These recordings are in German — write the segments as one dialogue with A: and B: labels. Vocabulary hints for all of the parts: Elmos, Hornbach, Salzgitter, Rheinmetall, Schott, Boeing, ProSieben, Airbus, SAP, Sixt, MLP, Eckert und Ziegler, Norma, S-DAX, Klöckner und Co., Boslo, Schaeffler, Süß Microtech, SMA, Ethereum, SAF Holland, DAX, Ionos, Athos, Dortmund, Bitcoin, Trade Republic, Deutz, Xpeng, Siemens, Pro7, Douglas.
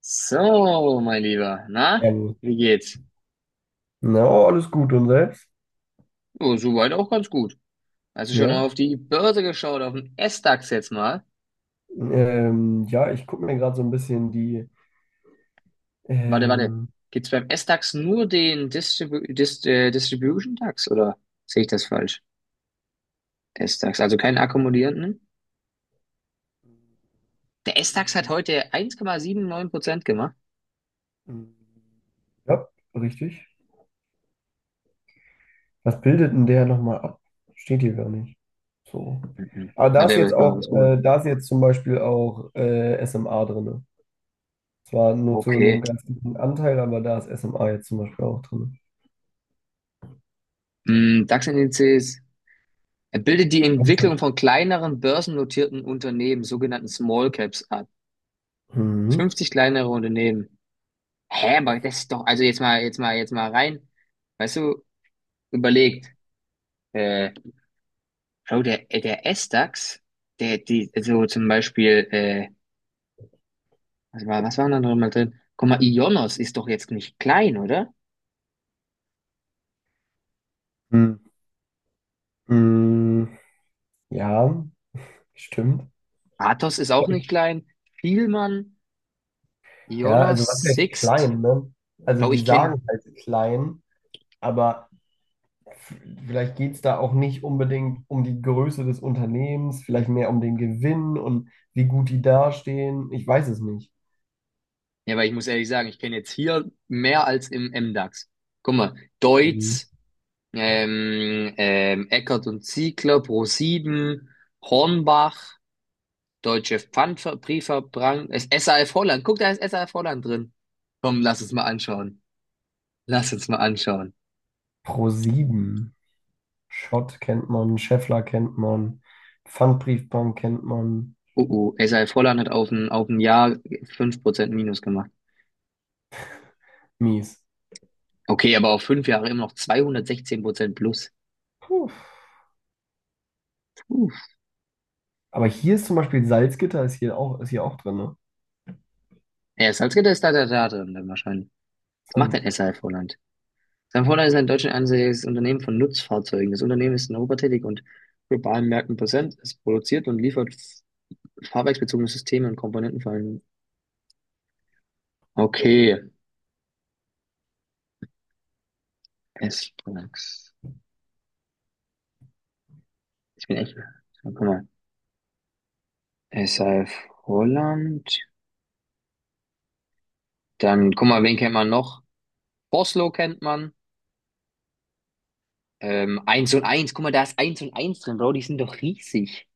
A: So, mein Lieber,
B: Sehr
A: na,
B: gut.
A: wie geht's?
B: Na, oh, alles gut und selbst?
A: Oh, soweit auch ganz gut. Hast du schon
B: Ja.
A: auf die Börse geschaut, auf den S-DAX jetzt mal?
B: Ja, ich gucke mir gerade so ein bisschen die.
A: Warte, warte.
B: ähm,
A: Gibt's beim S-DAX nur den Distribution DAX oder sehe ich das falsch? S-DAX, also keinen akkumulierenden? Der S-DAX hat heute 1,79% gemacht.
B: ja, richtig. Was bildet denn der nochmal ab? Steht hier gar nicht. So.
A: Mhm.
B: Aber da
A: Warte,
B: ist
A: aber
B: jetzt
A: das können wir
B: auch,
A: was googeln.
B: da ist jetzt zum Beispiel auch SMA drin. Zwar nur zu einem
A: Okay.
B: ganz guten Anteil, aber da ist SMA jetzt zum Beispiel auch drin.
A: DAX-Indizes. Er bildet die Entwicklung von kleineren börsennotierten Unternehmen, sogenannten Small Caps, ab.
B: Mhm.
A: 50 kleinere Unternehmen. Hä, aber das ist doch, also jetzt mal rein, weißt du, überlegt, äh, Bro, der S-Dax, der, die, also zum Beispiel, was war da noch mal drin? Guck mal, Ionos ist doch jetzt nicht klein, oder?
B: Mhm. Mhm. Ja, stimmt.
A: Athos ist auch nicht klein, Thielmann,
B: Ja,
A: Ionos,
B: also was heißt
A: Sixt,
B: klein, ne? Also
A: Bro,
B: die
A: ich kenne,
B: sagen halt klein, aber f- vielleicht geht es da auch nicht unbedingt um die Größe des Unternehmens, vielleicht mehr um den Gewinn und wie gut die dastehen. Ich weiß es nicht.
A: ja, weil ich muss ehrlich sagen, ich kenne jetzt hier mehr als im M-Dax. Guck mal,
B: Mhm.
A: Deutz, Eckert und Ziegler, ProSieben, Hornbach, Deutsche Pfandbriefverbrang. Ist SAF Holland. Guck, da ist SAF Holland drin. Komm, lass uns mal anschauen. Lass uns mal anschauen.
B: ProSieben. Schott kennt man, Schaeffler kennt man, Pfandbriefbank kennt man.
A: Oh, oh, SAF Holland hat auf ein Jahr 5% Minus gemacht.
B: Mies.
A: Okay, aber auf 5 Jahre immer noch 216% plus.
B: Puh.
A: Puh.
B: Aber hier ist zum Beispiel Salzgitter ist hier auch drin, ne?
A: Ja, Salzgitter ist da drin dann wahrscheinlich. Was macht denn
B: Interessant.
A: SAF Holland? SAF Holland ist ein deutsch ansässiges Unternehmen von Nutzfahrzeugen. Das Unternehmen ist in Europa tätig und globalen Märkten präsent. Es produziert und liefert fahrwerksbezogene Systeme und Komponenten vor allem. Okay, S-Products. Ich bin echt. So, guck mal. SAF Holland. Dann, guck mal, wen kennt man noch? Boslo kennt man. 1 und eins, guck mal, da ist eins und eins drin, Bro. Die sind doch riesig.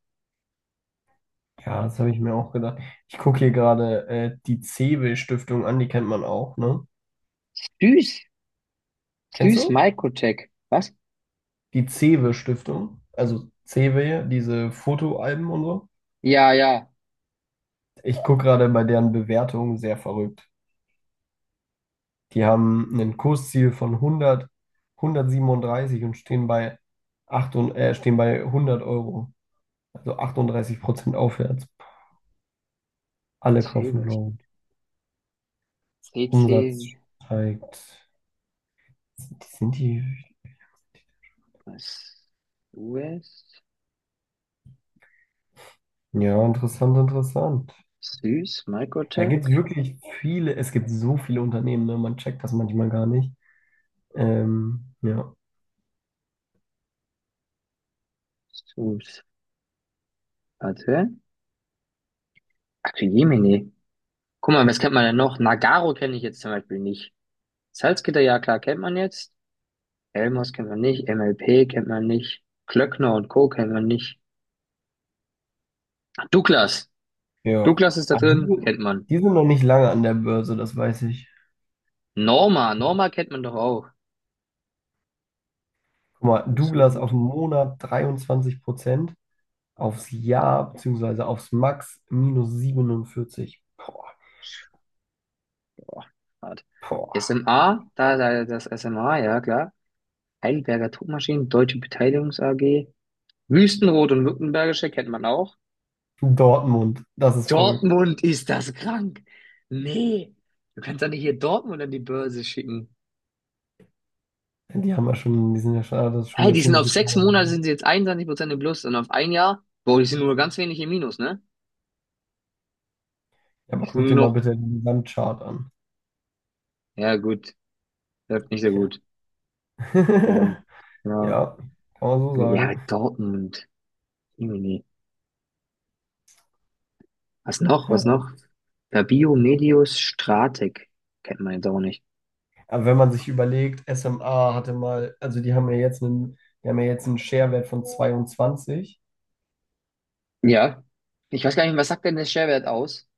B: Ja, das habe ich mir auch gedacht. Ich gucke hier gerade die Cewe-Stiftung an, die kennt man auch, ne?
A: Süß.
B: Kennst
A: Süß
B: du?
A: Microtech. Was?
B: Die Cewe-Stiftung, also Cewe, diese Fotoalben und so.
A: Ja, ja.
B: Ich gucke gerade bei deren Bewertungen sehr verrückt. Die haben ein Kursziel von 137 und stehen bei 100 Euro. Also 38% aufwärts. Alle
A: C,
B: kaufen
A: wer
B: low.
A: stimmt? CC.
B: Umsatz steigt. Sind die, sind
A: Was? US?
B: die? Ja, interessant, interessant.
A: Süß
B: Da
A: Microtech.
B: gibt es wirklich viele, es gibt so viele Unternehmen, ne? Man checkt das manchmal gar nicht. Ja.
A: Süß. Warte. Ach, Jemine. Guck mal, was kennt man denn noch? Nagaro kenne ich jetzt zum Beispiel nicht. Salzgitter, ja klar, kennt man jetzt. Elmos kennt man nicht, MLP kennt man nicht, Klöckner und Co. kennt man nicht. Douglas.
B: Ja.
A: Douglas ist da
B: Aber
A: drin,
B: die,
A: kennt man.
B: die sind noch nicht lange an der Börse, das weiß ich.
A: Norma, Norma kennt man doch auch.
B: Guck mal, Douglas auf den
A: Konsumgüte.
B: Monat 23%, aufs Jahr beziehungsweise aufs Max minus 47. Boah,
A: Boah, hart.
B: boah.
A: SMA, da das SMA, ja klar. Heidelberger Druckmaschinen, Deutsche Beteiligungs AG. Wüstenrot und Württembergische kennt man auch.
B: Dortmund, das ist verrückt.
A: Dortmund ist das krank. Nee, du kannst doch nicht hier Dortmund an die Börse schicken.
B: Die haben ja schon, die sind ja schon, ah, das ist schon
A: Hey,
B: eine
A: die sind auf
B: ziemliche
A: sechs
B: Power.
A: Monate
B: Ja,
A: sind sie jetzt 21% im Plus und auf ein Jahr, boah, die sind nur ganz wenig im Minus, ne?
B: aber
A: Die sind
B: guck
A: nur
B: dir mal
A: noch,
B: bitte den Gesamtchart an.
A: ja gut, läuft nicht so
B: Ja,
A: gut. Ähm, ja,
B: ja, kann man so
A: ja,
B: sagen.
A: Dortmund, Jemini. Was noch,
B: Ja.
A: was noch? Fabio Medius Stratek, kennt man jetzt auch nicht.
B: Aber wenn man sich überlegt, SMA hatte mal, also die haben ja jetzt einen, die haben ja jetzt einen Sharewert von 22.
A: Ja, ich weiß gar nicht, was sagt denn der Schwerwert aus?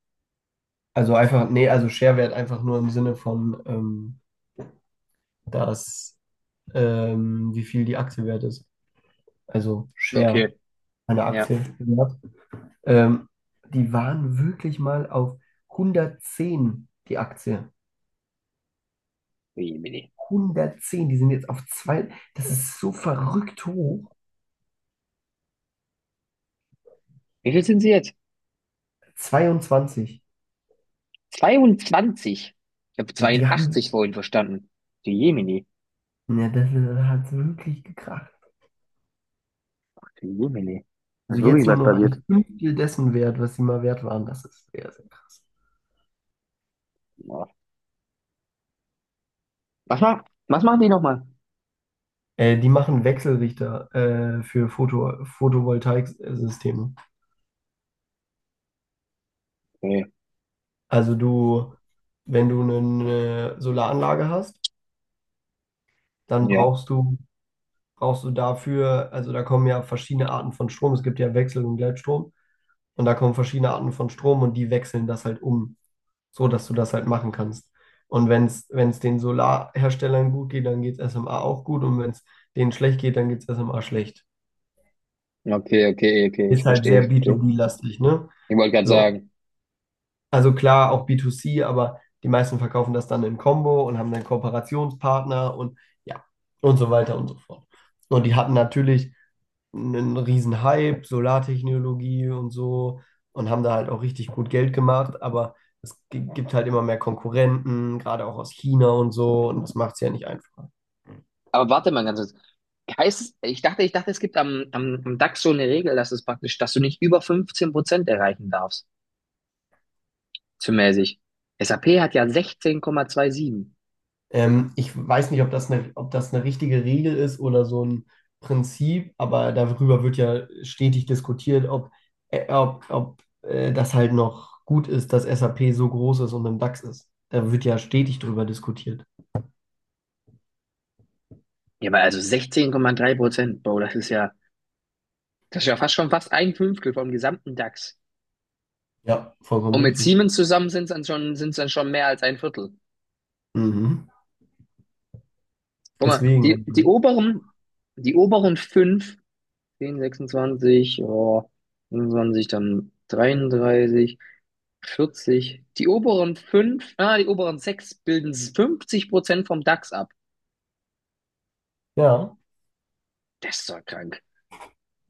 B: Also einfach, nee, also Sharewert einfach nur im Sinne von, dass, wie viel die Aktie wert ist. Also
A: Okay,
B: Share eine
A: ja,
B: Aktie wert. Ähm, die waren wirklich mal auf 110 die Aktie.
A: Jemini.
B: 110, die sind jetzt auf zwei, das ist so verrückt hoch.
A: Wie viel sind sie jetzt?
B: 22.
A: 22. Ich habe
B: Ja, die haben,
A: 82 vorhin verstanden. Die Jemini,
B: ja, das hat wirklich gekracht.
A: die Jemini. Da
B: Also
A: ist
B: jetzt
A: wirklich
B: nur
A: was
B: noch
A: passiert?
B: ein Fünftel dessen wert, was sie mal wert waren. Das ist sehr, sehr krass.
A: Was macht, was machen die nochmal?
B: Die machen Wechselrichter für Photovoltaiksysteme.
A: Okay.
B: Also du, wenn du eine Solaranlage hast, dann
A: Ja.
B: brauchst du dafür, also da kommen ja verschiedene Arten von Strom. Es gibt ja Wechsel- und Gleitstrom. Und da kommen verschiedene Arten von Strom und die wechseln das halt um, so dass du das halt machen kannst. Und wenn es den Solarherstellern gut geht, dann geht es SMA auch gut. Und wenn es denen schlecht geht, dann geht es SMA schlecht.
A: Okay, okay, okay. Ich
B: Ist halt
A: verstehe,
B: sehr
A: ich verstehe.
B: B2B-lastig, ne?
A: Ich wollte gerade
B: So.
A: sagen.
B: Also klar, auch B2C, aber die meisten verkaufen das dann in Combo und haben dann Kooperationspartner und ja, und so weiter und so fort. Und die hatten natürlich einen riesen Hype, Solartechnologie und so und haben da halt auch richtig gut Geld gemacht, aber gibt halt immer mehr Konkurrenten, gerade auch aus China und so und das macht es ja nicht einfacher.
A: Aber warte mal ganz kurz. Heißt es, ich dachte, es gibt am DAX so eine Regel, dass du nicht über 15% erreichen darfst. Zumäßig. SAP hat ja 16,27.
B: Ich weiß nicht, ob das eine richtige Regel ist oder so ein Prinzip, aber darüber wird ja stetig diskutiert, ob, das halt noch gut ist, dass SAP so groß ist und im DAX ist. Da wird ja stetig drüber diskutiert.
A: Ja, aber also 16,3%, Bro, das ist ja fast ein Fünftel vom gesamten DAX.
B: Ja, vollkommen
A: Und mit
B: richtig.
A: Siemens zusammen sind es dann schon mehr als ein Viertel.
B: Mhm.
A: Guck mal,
B: Deswegen,
A: die, die
B: also,
A: oberen, die oberen fünf 10, 26, oh, 25, dann 33, 40. Die oberen 6 bilden 50% vom DAX ab.
B: ja.
A: Das ist doch krank.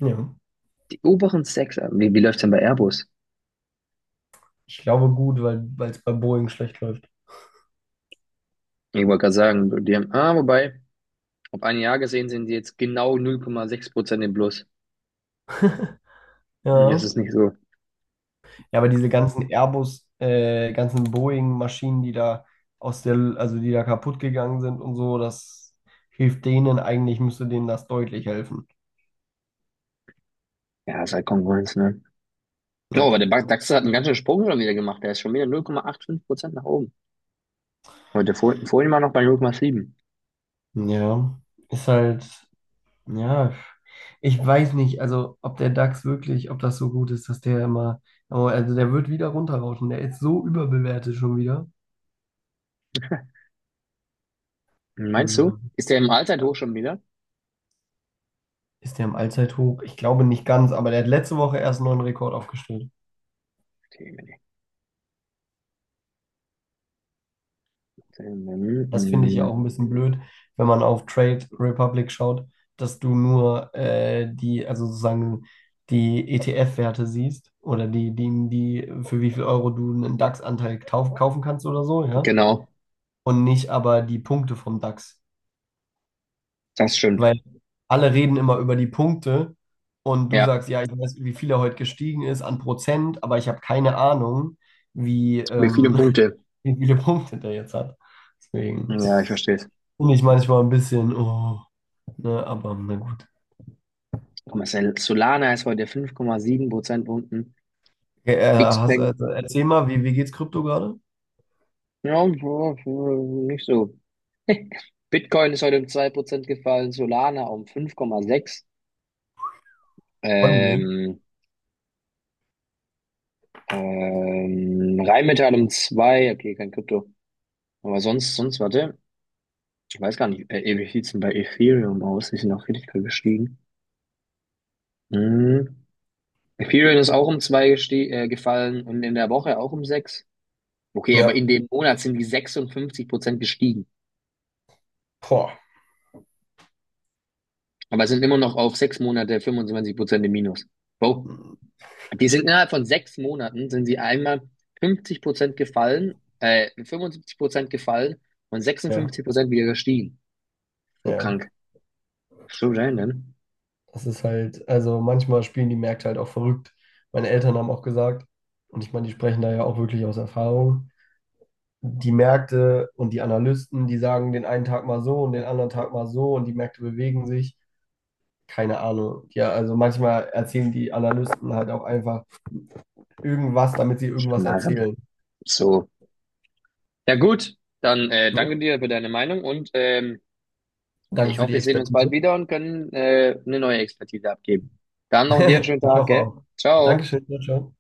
B: Ja.
A: Die oberen 6, wie läuft's denn bei Airbus?
B: Ich glaube gut, weil es bei Boeing schlecht läuft.
A: Ich wollte gerade sagen, wobei, auf ein Jahr gesehen sind die jetzt genau 0,6% im Plus. Hm, das
B: Ja.
A: ist nicht so.
B: Ja, aber diese ganzen Airbus, ganzen Boeing-Maschinen, die da aus der, also die da kaputt gegangen sind und so, das hilft denen eigentlich, müsste denen das deutlich helfen.
A: Ja, ist halt Konkurrenz, ne? Oh,
B: Ja,
A: aber der
B: klar.
A: DAX hat einen ganzen Sprung schon wieder gemacht. Der ist schon wieder 0,85% nach oben. Heute vorhin war noch bei 0,7.
B: Ja, ist halt, ja, ich weiß nicht, also ob der DAX wirklich, ob das so gut ist, dass der immer, aber also der wird wieder runterrauschen, der ist so überbewertet schon wieder.
A: Meinst
B: Ja.
A: du? Ist der im Alter hoch schon wieder?
B: Ist der im Allzeithoch? Ich glaube nicht ganz, aber der hat letzte Woche erst einen neuen Rekord aufgestellt.
A: Okay, nee, nee.
B: Das finde ich ja
A: Hm,
B: auch ein bisschen blöd, wenn man auf Trade Republic schaut, dass du nur die, also sozusagen die ETF-Werte siehst oder die, für wie viel Euro du einen DAX-Anteil kaufen kannst oder so, ja.
A: genau,
B: Und nicht aber die Punkte vom DAX.
A: das stimmt.
B: Weil alle reden immer über die Punkte und du
A: Ja,
B: sagst, ja, ich weiß, wie viel er heute gestiegen ist an Prozent, aber ich habe keine Ahnung wie
A: mit vielen
B: ähm,
A: Punkte.
B: wie viele Punkte der jetzt hat. Deswegen
A: Ja, ich verstehe es.
B: finde ich manchmal ein bisschen, oh, ne, aber na gut.
A: Guck mal, Solana ist heute 5,7 Prozentpunkten.
B: Okay,
A: Xpeng,
B: erzähl mal, wie geht's Krypto gerade?
A: ja, ja, ja, nicht so. Bitcoin ist heute um 2% gefallen, Solana um 5,6.
B: Ordentlich.
A: Ähm, Rheinmetall um zwei. Okay, kein Krypto. Aber sonst, warte, ich weiß gar nicht, wie sieht's denn bei Ethereum aus? Die sind auch richtig gestiegen. Mhm. Ethereum ist auch um zwei gefallen und in der Woche auch um sechs. Okay, aber
B: Ja,
A: in dem Monat sind die 56% gestiegen.
B: boah.
A: Aber sind immer noch auf sechs Monate 25% im Minus. Wow. Die sind innerhalb von 6 Monaten sind sie einmal 50% gefallen, 75% gefallen und
B: Ja,
A: 56% wieder gestiegen. So krank.
B: ja.
A: So random.
B: Das ist halt, also manchmal spielen die Märkte halt auch verrückt. Meine Eltern haben auch gesagt, und ich meine, die sprechen da ja auch wirklich aus Erfahrung. Die Märkte und die Analysten, die sagen den einen Tag mal so und den anderen Tag mal so und die Märkte bewegen sich. Keine Ahnung. Ja, also manchmal erzählen die Analysten halt auch einfach irgendwas, damit sie irgendwas
A: Schmarren.
B: erzählen.
A: So. Ja gut, dann
B: Ne?
A: danke dir für deine Meinung.
B: Danke
A: Ich
B: für
A: hoffe,
B: die
A: wir sehen uns bald
B: Expertise.
A: wieder und können eine neue Expertise abgeben. Dann noch dir einen schönen
B: Ich
A: Tag,
B: hoffe
A: gell?
B: auch.
A: Ciao.
B: Dankeschön, ciao. Ciao.